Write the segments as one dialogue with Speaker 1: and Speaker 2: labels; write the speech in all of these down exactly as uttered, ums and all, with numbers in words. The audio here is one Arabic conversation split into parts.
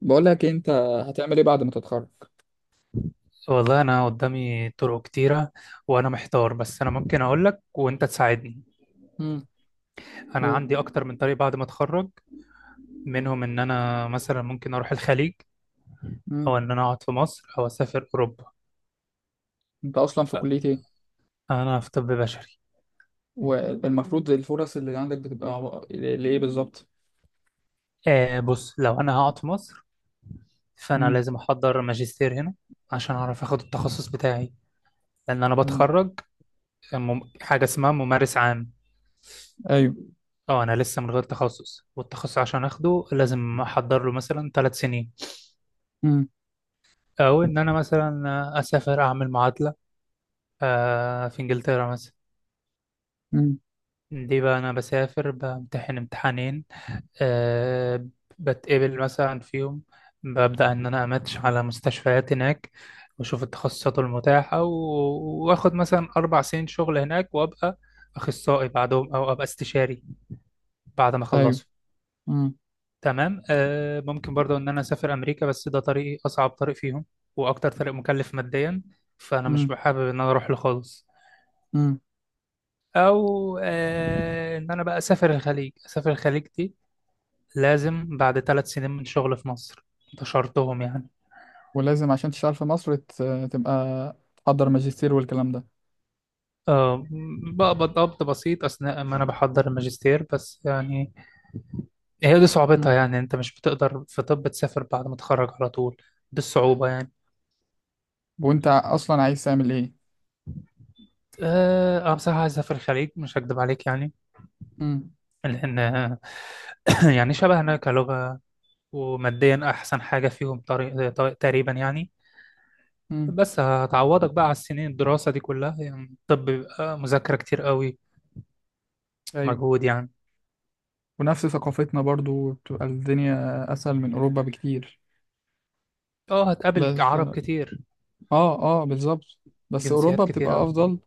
Speaker 1: بقول لك إيه، انت هتعمل ايه بعد ما تتخرج؟
Speaker 2: والله أنا قدامي طرق كتيرة، وأنا محتار. بس أنا ممكن أقول لك وأنت تساعدني.
Speaker 1: امم
Speaker 2: أنا
Speaker 1: قول.
Speaker 2: عندي أكتر من طريق بعد ما أتخرج. منهم إن أنا مثلا ممكن أروح الخليج، أو
Speaker 1: امم
Speaker 2: إن أنا أقعد في مصر، أو أسافر أوروبا.
Speaker 1: انت اصلا في كلية ايه؟
Speaker 2: أنا في طب بشري.
Speaker 1: والمفروض الفرص اللي عندك بتبقى عو- ل- لايه بالظبط؟
Speaker 2: آه، بص، لو أنا هقعد في مصر فأنا
Speaker 1: امم
Speaker 2: لازم أحضر ماجستير هنا عشان أعرف أخد التخصص بتاعي، لأن أنا
Speaker 1: امم
Speaker 2: بتخرج مم... حاجة اسمها ممارس عام.
Speaker 1: ايوه.
Speaker 2: أه، أنا لسه من غير تخصص، والتخصص عشان أخده لازم أحضر له مثلا ثلاث سنين.
Speaker 1: امم
Speaker 2: او ان انا مثلا اسافر اعمل معادله، آه، في انجلترا مثلا.
Speaker 1: امم
Speaker 2: دي بقى انا بسافر بامتحن امتحانين، آه، بتقبل مثلا فيهم، ببدا ان انا اماتش على مستشفيات هناك واشوف التخصصات المتاحه و- واخد مثلا اربع سنين شغل هناك، وابقى اخصائي بعدهم، او ابقى استشاري بعد ما
Speaker 1: ايوه.
Speaker 2: اخلصه.
Speaker 1: امم
Speaker 2: تمام. آه، ممكن برضو ان انا اسافر امريكا، بس ده طريقي اصعب طريق فيهم واكتر طريق مكلف ماديا، فانا مش
Speaker 1: امم
Speaker 2: بحابب ان انا اروح له خالص.
Speaker 1: امم
Speaker 2: او آه، ان انا بقى اسافر الخليج. اسافر الخليج دي لازم بعد ثلاث سنين من شغل في مصر، ده شرطهم يعني.
Speaker 1: ولازم عشان تشتغل في مصر ت- تبقى تحضر ماجستير والكلام ده.
Speaker 2: آه، بقبض قبض بسيط اثناء ما انا بحضر الماجستير، بس يعني هي دي
Speaker 1: امم
Speaker 2: صعوبتها. يعني انت مش بتقدر في طب تسافر بعد ما تتخرج على طول، دي الصعوبة يعني.
Speaker 1: وانت ع- اصلا عايز تعمل ايه؟
Speaker 2: اه، أنا بصراحة عايز اسافر الخليج، مش هكدب عليك يعني.
Speaker 1: امم
Speaker 2: لان آه، يعني شبهنا كلغة، وماديا احسن حاجة فيهم، طريق طريق- تقريبا يعني.
Speaker 1: امم
Speaker 2: بس هتعوضك بقى على السنين الدراسة دي كلها، يعني الطب بيبقى مذاكرة كتير قوي،
Speaker 1: ايوه.
Speaker 2: مجهود يعني.
Speaker 1: ونفس ثقافتنا برضو بتبقى الدنيا اسهل من اوروبا بكتير.
Speaker 2: اه، هتقابل
Speaker 1: بس
Speaker 2: عرب كتير،
Speaker 1: اه اه بالظبط. بس
Speaker 2: جنسيات
Speaker 1: اوروبا
Speaker 2: كتير
Speaker 1: بتبقى
Speaker 2: قوي.
Speaker 1: افضل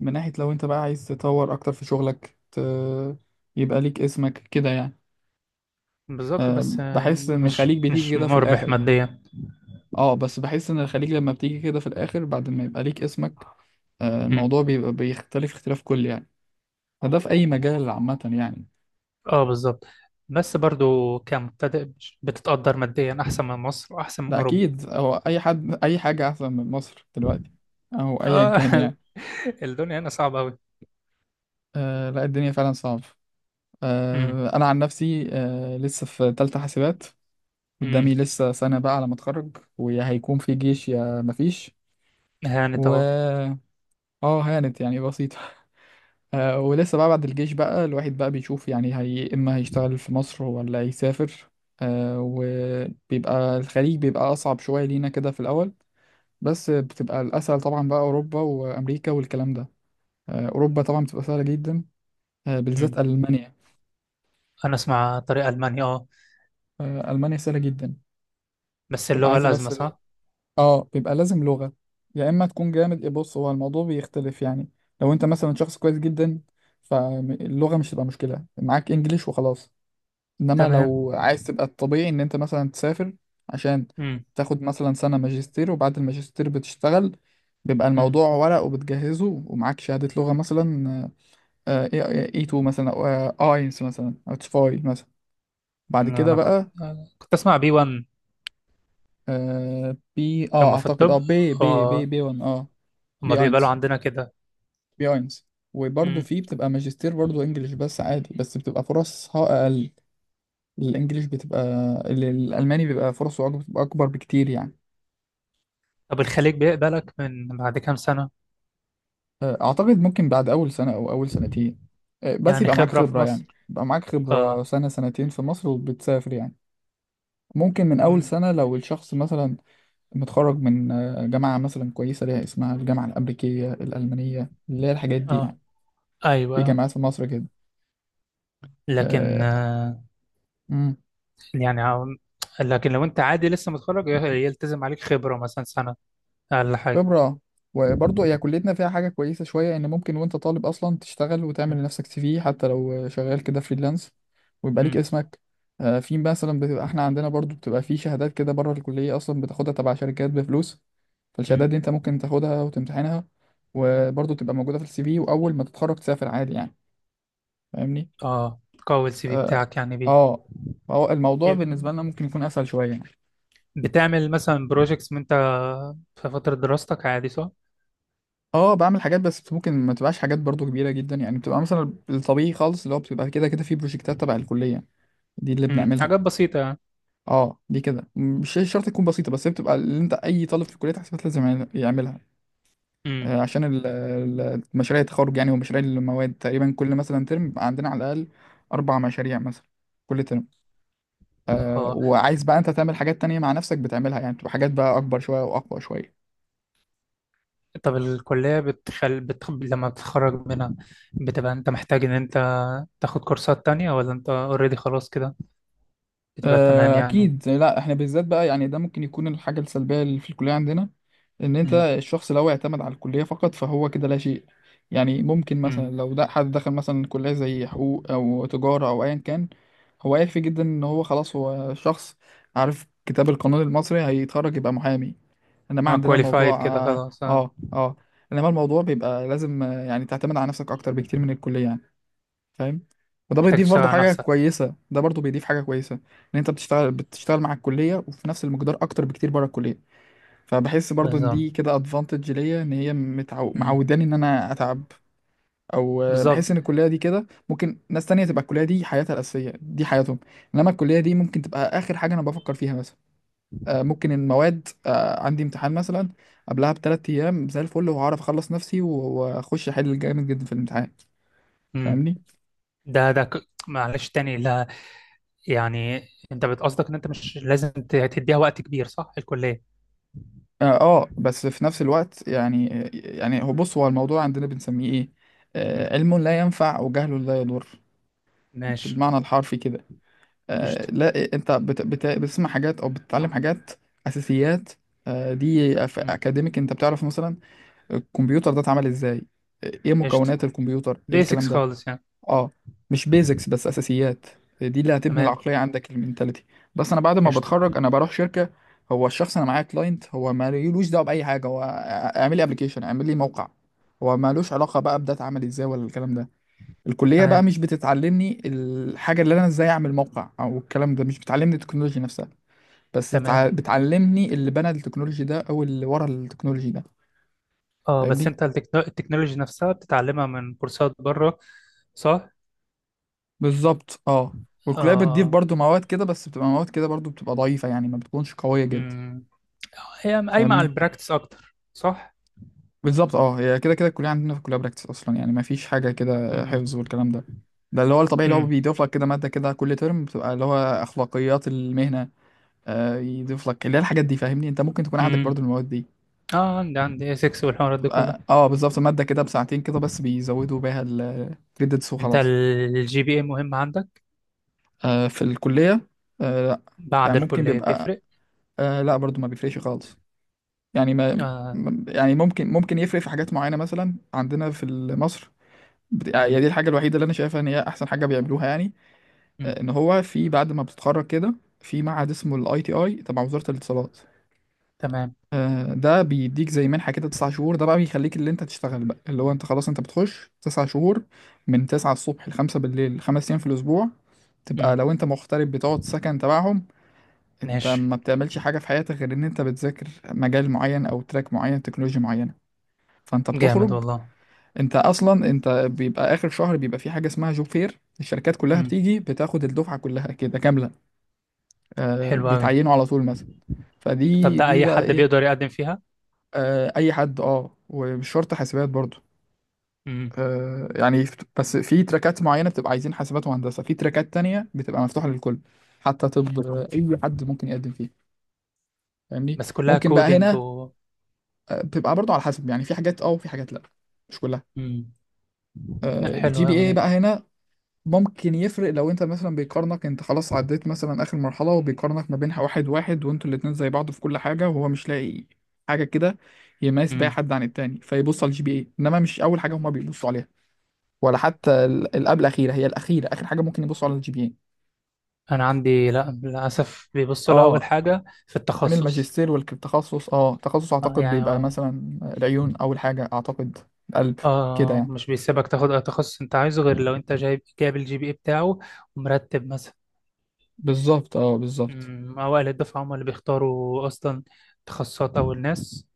Speaker 1: من ناحية لو انت بقى عايز تطور اكتر في شغلك ت... يبقى ليك اسمك كده يعني.
Speaker 2: بالظبط،
Speaker 1: آه
Speaker 2: بس آه،
Speaker 1: بحس ان الخليج
Speaker 2: مش
Speaker 1: بتيجي
Speaker 2: مش
Speaker 1: كده في
Speaker 2: مربح
Speaker 1: الاخر.
Speaker 2: ماديا.
Speaker 1: اه بس بحس ان الخليج لما بتيجي كده في الاخر بعد ما يبقى ليك اسمك آه
Speaker 2: مم.
Speaker 1: الموضوع بيبقى بيختلف اختلاف كلي يعني. فده في اي مجال عامة يعني.
Speaker 2: اه بالظبط. بس برضو كمبتدئ مش- بتتقدر ماديا أحسن من مصر وأحسن من
Speaker 1: ده
Speaker 2: أوروبا.
Speaker 1: اكيد هو اي حد اي حاجة احسن من مصر دلوقتي، او ايا
Speaker 2: اه.
Speaker 1: كان يعني.
Speaker 2: الدنيا هنا صعبة أوي.
Speaker 1: آه لا، الدنيا فعلا صعبة.
Speaker 2: امم.
Speaker 1: آه انا عن نفسي آه لسه في تالتة حاسبات.
Speaker 2: امم.
Speaker 1: قدامي لسه سنة بقى على ما اتخرج، ويا هيكون في جيش يا مفيش.
Speaker 2: هانت أهو.
Speaker 1: و اه هانت يعني، بسيطة. آه ولسه بقى بعد الجيش بقى الواحد بقى بيشوف يعني هي اما هيشتغل في مصر ولا يسافر. آه وبيبقى الخليج بيبقى أصعب شوية لينا كده في الأول، بس بتبقى الأسهل طبعا بقى أوروبا وأمريكا والكلام ده. آه أوروبا طبعا بتبقى سهلة جدا، آه
Speaker 2: مم.
Speaker 1: بالذات ألمانيا.
Speaker 2: أنا أسمع طريق ألمانيا اه.
Speaker 1: آه ألمانيا سهلة جدا،
Speaker 2: بس
Speaker 1: بتبقى
Speaker 2: اللغة
Speaker 1: عايزة
Speaker 2: الأزمة،
Speaker 1: بس.
Speaker 2: صح؟
Speaker 1: اه بيبقى لازم لغة، يا اما تكون جامد. إيه، بص، هو الموضوع بيختلف يعني. لو انت مثلا شخص كويس جدا فاللغة مش هتبقى مشكلة معاك، انجليش وخلاص. انما
Speaker 2: تمام.
Speaker 1: لو عايز تبقى الطبيعي ان انت مثلا تسافر عشان تاخد مثلا سنة ماجستير، وبعد الماجستير بتشتغل، بيبقى
Speaker 2: امم.
Speaker 1: الموضوع ورق وبتجهزه ومعاك شهادة لغة مثلا. آه، إيه، آه، إيه تو مثلا، او آه، اينس مثلا، او تشفاي مثلا. بعد كده
Speaker 2: انا كنت
Speaker 1: بقى
Speaker 2: كنت اسمع بي واحد.
Speaker 1: آه، بي، اه
Speaker 2: هم في
Speaker 1: اعتقد اه
Speaker 2: الطب،
Speaker 1: بي بي بي
Speaker 2: آه،
Speaker 1: بي واحد اه
Speaker 2: هم
Speaker 1: بي
Speaker 2: بيقبلوا
Speaker 1: اينس،
Speaker 2: عندنا كده.
Speaker 1: بياينز. وبرضه
Speaker 2: مم.
Speaker 1: في بتبقى ماجستير برضه انجليش بس عادي، بس بتبقى فرصها اقل. الانجليش بتبقى ال- الالماني بيبقى فرصه أك- بتبقى اكبر بكتير يعني.
Speaker 2: طب الخليج بيقبلك من بعد كام سنة؟
Speaker 1: آه، اعتقد ممكن بعد اول سنه او اول سنتين. آه، بس
Speaker 2: يعني
Speaker 1: يبقى معاك
Speaker 2: خبرة في
Speaker 1: خبره،
Speaker 2: مصر؟
Speaker 1: يعني يبقى معاك خبره
Speaker 2: اه.
Speaker 1: سنه سنتين في مصر وبتسافر يعني. ممكن من اول
Speaker 2: مم.
Speaker 1: سنه لو الشخص مثلا متخرج من آه، جامعه مثلا كويسه ليها اسمها الجامعه الامريكيه الالمانيه، اللي هي الحاجات دي
Speaker 2: اه.
Speaker 1: يعني. في
Speaker 2: ايوه.
Speaker 1: جامعات في مصر كده.
Speaker 2: لكن
Speaker 1: آه،
Speaker 2: آه،
Speaker 1: مم.
Speaker 2: يعني عم- لكن لو انت عادي لسه متخرج ي- يلتزم عليك خبرة مثلا سنة، اقل حاجة.
Speaker 1: خبرة. وبرضه هي كليتنا فيها حاجة كويسة شوية، إن ممكن وأنت طالب أصلا تشتغل وتعمل
Speaker 2: مم.
Speaker 1: لنفسك سي في، حتى لو شغال كده فريلانس ويبقى ليك
Speaker 2: مم.
Speaker 1: اسمك. آه، في مثلا بتبقى، إحنا عندنا برضه بتبقى في شهادات كده بره الكلية أصلا بتاخدها تبع شركات بفلوس. فالشهادات
Speaker 2: مم.
Speaker 1: دي أنت ممكن تاخدها وتمتحنها وبرضه تبقى موجودة في السي في، وأول ما تتخرج تسافر عادي يعني. فاهمني؟
Speaker 2: اه. قوي السي في
Speaker 1: آه.
Speaker 2: بتاعك يعني بيه.
Speaker 1: آه، فهو الموضوع بالنسبة
Speaker 2: يب-
Speaker 1: لنا ممكن يكون أسهل شوية يعني.
Speaker 2: بتعمل مثلا بروجيكتس من انت في فترة دراستك عادي، صح؟
Speaker 1: اه بعمل حاجات، بس ممكن ما تبقاش حاجات برضو كبيرة جدا يعني، بتبقى مثلا الطبيعي خالص اللي هو بتبقى كده كده في بروجكتات تبع الكلية دي اللي
Speaker 2: مم.
Speaker 1: بنعملها.
Speaker 2: حاجات بسيطة يعني.
Speaker 1: اه دي كده مش شرط تكون بسيطة، بس هي بتبقى اللي انت اي طالب في كلية حسابات لازم يعمل- يعملها. آه، عشان ال- ال- مشاريع التخرج يعني، ومشاريع المواد تقريبا كل مثلا ترم بيبقى عندنا على الأقل أربع مشاريع مثلا، كل ترم. آه
Speaker 2: امم.
Speaker 1: وعايز بقى انت تعمل حاجات تانية مع نفسك بتعملها يعني، بتبقى حاجات بقى أكبر شوية وأقوى شوية.
Speaker 2: طب الكلية بتخل... بتخ... لما بتتخرج منها، بتبقى انت محتاج ان انت تاخد كورسات تانية، ولا انت اوريدي خلاص كده، بتبقى تمام
Speaker 1: آه،
Speaker 2: يعني؟
Speaker 1: اكيد لا، احنا بالذات بقى يعني ده ممكن يكون الحاجه السلبيه اللي في الكليه عندنا، ان انت
Speaker 2: امم.
Speaker 1: الشخص لو اعتمد على الكليه فقط فهو كده لا شيء. يعني ممكن
Speaker 2: امم.
Speaker 1: مثلا لو ده حد دخل مثلا كليه زي حقوق او تجاره او ايا كان، هو يكفي جدا ان هو خلاص هو شخص عارف كتاب القانون المصري، هيتخرج يبقى محامي. انما
Speaker 2: هو
Speaker 1: عندنا
Speaker 2: كواليفايد
Speaker 1: الموضوع
Speaker 2: كده
Speaker 1: اه
Speaker 2: خلاص، آه.
Speaker 1: اه, آه. انما الموضوع بيبقى لازم آه، يعني تعتمد على نفسك اكتر بكتير من الكليه يعني. فاهم؟ وده
Speaker 2: محتاج
Speaker 1: بيضيف
Speaker 2: تشتغل
Speaker 1: برضه
Speaker 2: على
Speaker 1: حاجة
Speaker 2: نفسك.
Speaker 1: كويسة، ده برضه بيضيف حاجة كويسة، ان انت بتشتغل بتشتغل مع الكلية وفي نفس المقدار اكتر بكتير بره الكلية. فبحس برضه ان
Speaker 2: بالظبط.
Speaker 1: دي كده ادفانتج ليا، ان هي متعو...
Speaker 2: امم.
Speaker 1: معوداني ان انا اتعب. او آه،
Speaker 2: بالظبط.
Speaker 1: بحس ان الكلية دي كده ممكن ناس تانية تبقى الكلية دي حياتها الأساسية، دي حياتهم. انما الكلية دي ممكن تبقى اخر حاجة انا بفكر فيها مثلا. آه، ممكن المواد آه، عندي امتحان مثلا قبلها بثلاث ايام زي الفل، وهعرف اخلص نفسي واخش احل جامد جدا في الامتحان.
Speaker 2: امم.
Speaker 1: فاهمني؟
Speaker 2: ده ده ك... معلش تاني، لا، يعني انت بتقصدك ان انت مش لازم ت- تديها وقت كبير، صح، الكلية؟
Speaker 1: اه. آه، بس في نفس الوقت يعني، يعني هو بص، هو الموضوع عندنا بنسميه ايه؟
Speaker 2: امم.
Speaker 1: آه علم لا ينفع، وجهل لا يضر،
Speaker 2: ماشي.
Speaker 1: بالمعنى الحرفي كده. آه
Speaker 2: قشطة.
Speaker 1: لا، انت بت بت بتسمع حاجات او بتتعلم حاجات، اساسيات. آه دي أف-
Speaker 2: امم.
Speaker 1: اكاديميك، انت بتعرف مثلا الكمبيوتر ده اتعمل ازاي، آه، ايه
Speaker 2: قشطة.
Speaker 1: مكونات الكمبيوتر، ايه الكلام
Speaker 2: بيسكس
Speaker 1: ده.
Speaker 2: خالص يعني.
Speaker 1: اه، مش بيزكس، بس اساسيات. دي اللي هتبني
Speaker 2: تمام.
Speaker 1: العقليه عندك، المينتاليتي. بس انا بعد ما
Speaker 2: قشطة.
Speaker 1: بتخرج انا بروح شركه، هو الشخص انا معايا كلاينت، هو مالوش دعوه باي حاجه، هو اعمل لي ابلكيشن، اعمل لي موقع، هو مالوش علاقه بقى بده اتعمل ازاي ولا الكلام ده. الكليه بقى
Speaker 2: تمام.
Speaker 1: مش بتتعلمني الحاجه اللي انا ازاي اعمل موقع او الكلام ده، مش بتعلمني التكنولوجي نفسها، بس تع-
Speaker 2: تمام.
Speaker 1: بتعلمني اللي بنى التكنولوجي ده، او اللي ورا التكنولوجي ده.
Speaker 2: اه، بس
Speaker 1: فاهمني؟
Speaker 2: انت التكنو- التكنولوجي نفسها بتتعلمها من كورسات بره، صح؟
Speaker 1: بالظبط اه. والكلية بتضيف
Speaker 2: اه.
Speaker 1: برضو مواد كده، بس بتبقى مواد كده برضو بتبقى ضعيفة يعني، ما بتكونش قوية جدا.
Speaker 2: امم. هي قايمة على
Speaker 1: فاهمني؟
Speaker 2: البراكتس اكتر، صح؟
Speaker 1: بالظبط. اه، هي كده كده الكلية عندنا، في الكلية براكتس أصلا يعني، ما فيش حاجة كده
Speaker 2: امم.
Speaker 1: حفظ والكلام ده. ده اللي هو الطبيعي اللي هو
Speaker 2: امم.
Speaker 1: بيضيف لك كده مادة كده كل ترم، بتبقى اللي هو أخلاقيات المهنة. آه يضيف لك اللي هي الحاجات دي، فاهمني؟ أنت ممكن تكون عندك برضو
Speaker 2: امم.
Speaker 1: المواد دي،
Speaker 2: اه، عندي عندي اسكس والحوارات دي كلها.
Speaker 1: تبقى اه بالظبط مادة كده بساعتين كده، بس بيزودوا بيها الكريدتس
Speaker 2: انت
Speaker 1: وخلاص.
Speaker 2: الجي بي اي مهم عندك؟
Speaker 1: آه في الكلية. آه لا.
Speaker 2: بعد
Speaker 1: يعني ممكن
Speaker 2: الكلية
Speaker 1: بيبقى
Speaker 2: بيفرق؟
Speaker 1: آه لا، برضو ما بيفرقش خالص. يعني ما
Speaker 2: اه.
Speaker 1: ما- يعني ممكن ممكن يفرق في حاجات معينة، مثلا عندنا في ال- مصر. بت... يعني دي
Speaker 2: امم.
Speaker 1: الحاجة الوحيدة اللي أنا شايفها إن هي أحسن حاجة بيعملوها يعني.
Speaker 2: امم.
Speaker 1: آه، إن هو في بعد ما بتتخرج كده، في معهد اسمه ال آي تي آي تبع وزارة الاتصالات.
Speaker 2: تمام.
Speaker 1: آه، ده بيديك زي منحة كده، تسع شهور. ده بقى بيخليك اللي أنت تشتغل بقى، اللي هو أنت خلاص أنت بتخش تسع شهور، من تسعة الصبح لخمسة بالليل، خمس أيام في الأسبوع. تبقى
Speaker 2: امم.
Speaker 1: لو أنت مغترب بتقعد سكن تبعهم. أنت
Speaker 2: ماشي.
Speaker 1: ما بتعملش حاجة في حياتك غير إن أنت بتذاكر مجال معين، أو تراك معين، تكنولوجيا معينة. فانت
Speaker 2: جامد
Speaker 1: بتخرج،
Speaker 2: والله.
Speaker 1: انت اصلا انت بيبقى اخر شهر بيبقى في حاجه اسمها جوب فير، الشركات كلها
Speaker 2: امم.
Speaker 1: بتيجي بتاخد الدفعه كلها كده كامله. آه
Speaker 2: حلو قوي.
Speaker 1: بيتعينوا على طول مثلا.
Speaker 2: طب
Speaker 1: فدي
Speaker 2: ده
Speaker 1: دي
Speaker 2: اي
Speaker 1: بقى
Speaker 2: حد
Speaker 1: ايه.
Speaker 2: بيقدر يقدم فيها؟
Speaker 1: آه اي حد، اه، ومش شرط حاسبات برضو.
Speaker 2: امم.
Speaker 1: آه يعني فت- بس في تراكات معينه بتبقى عايزين حاسبات وهندسه، في تراكات تانية بتبقى مفتوحه للكل، حتى طب آه، اي
Speaker 2: أمم.
Speaker 1: حد ممكن يقدم فيه. فاهمني؟
Speaker 2: بس كلها
Speaker 1: ممكن بقى
Speaker 2: كودينج
Speaker 1: هنا
Speaker 2: و
Speaker 1: آه، بتبقى برضو على حسب يعني، في حاجات اه وفي حاجات لا، مش كلها.
Speaker 2: امم. لا،
Speaker 1: الجي
Speaker 2: حلوة
Speaker 1: بي
Speaker 2: قوي
Speaker 1: اي
Speaker 2: دي.
Speaker 1: بقى هنا ممكن يفرق لو انت مثلا بيقارنك، انت خلاص عديت مثلا اخر مرحلة، وبيقارنك ما بينها واحد واحد، وانتوا الاتنين زي بعض في كل حاجة، وهو مش لاقي حاجة كده يميز بيها
Speaker 2: مم.
Speaker 1: حد عن التاني، فيبص على الجي بي اي. انما مش اول حاجة هما بيبصوا عليها، ولا حتى ال- القبل الاخيرة، هي الاخيرة، اخر حاجة ممكن يبصوا على الجي بي اي.
Speaker 2: انا عندي لا للاسف بيبصوا لها اول
Speaker 1: اه،
Speaker 2: حاجه في
Speaker 1: كان
Speaker 2: التخصص.
Speaker 1: الماجستير والتخصص، اه تخصص
Speaker 2: آه،
Speaker 1: اعتقد
Speaker 2: يعني
Speaker 1: بيبقى
Speaker 2: هو-
Speaker 1: مثلا العيون اول حاجة اعتقد، القلب، كده
Speaker 2: اه،
Speaker 1: يعني.
Speaker 2: مش بيسيبك تاخد اي تخصص انت عايزه غير لو انت جايب جايب الجي بي اي بتاعه ومرتب مثلا.
Speaker 1: بالظبط اه، بالظبط.
Speaker 2: أمم. اوائل الدفعه هم اللي بيختاروا اصلا تخصصات، اول ناس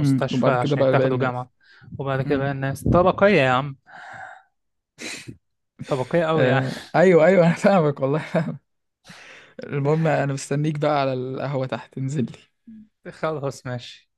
Speaker 1: امم وبعد كده
Speaker 2: عشان
Speaker 1: بقى باقي
Speaker 2: يتاخدوا
Speaker 1: الناس.
Speaker 2: جامعه. وبعد كده
Speaker 1: امم
Speaker 2: بقى الناس طبقيه يا عم، طبقيه قوي يعني.
Speaker 1: آه ايوه ايوه، انا فاهمك والله. المهم انا مستنيك بقى على القهوة تحت، انزل لي.
Speaker 2: خلاص ماشي.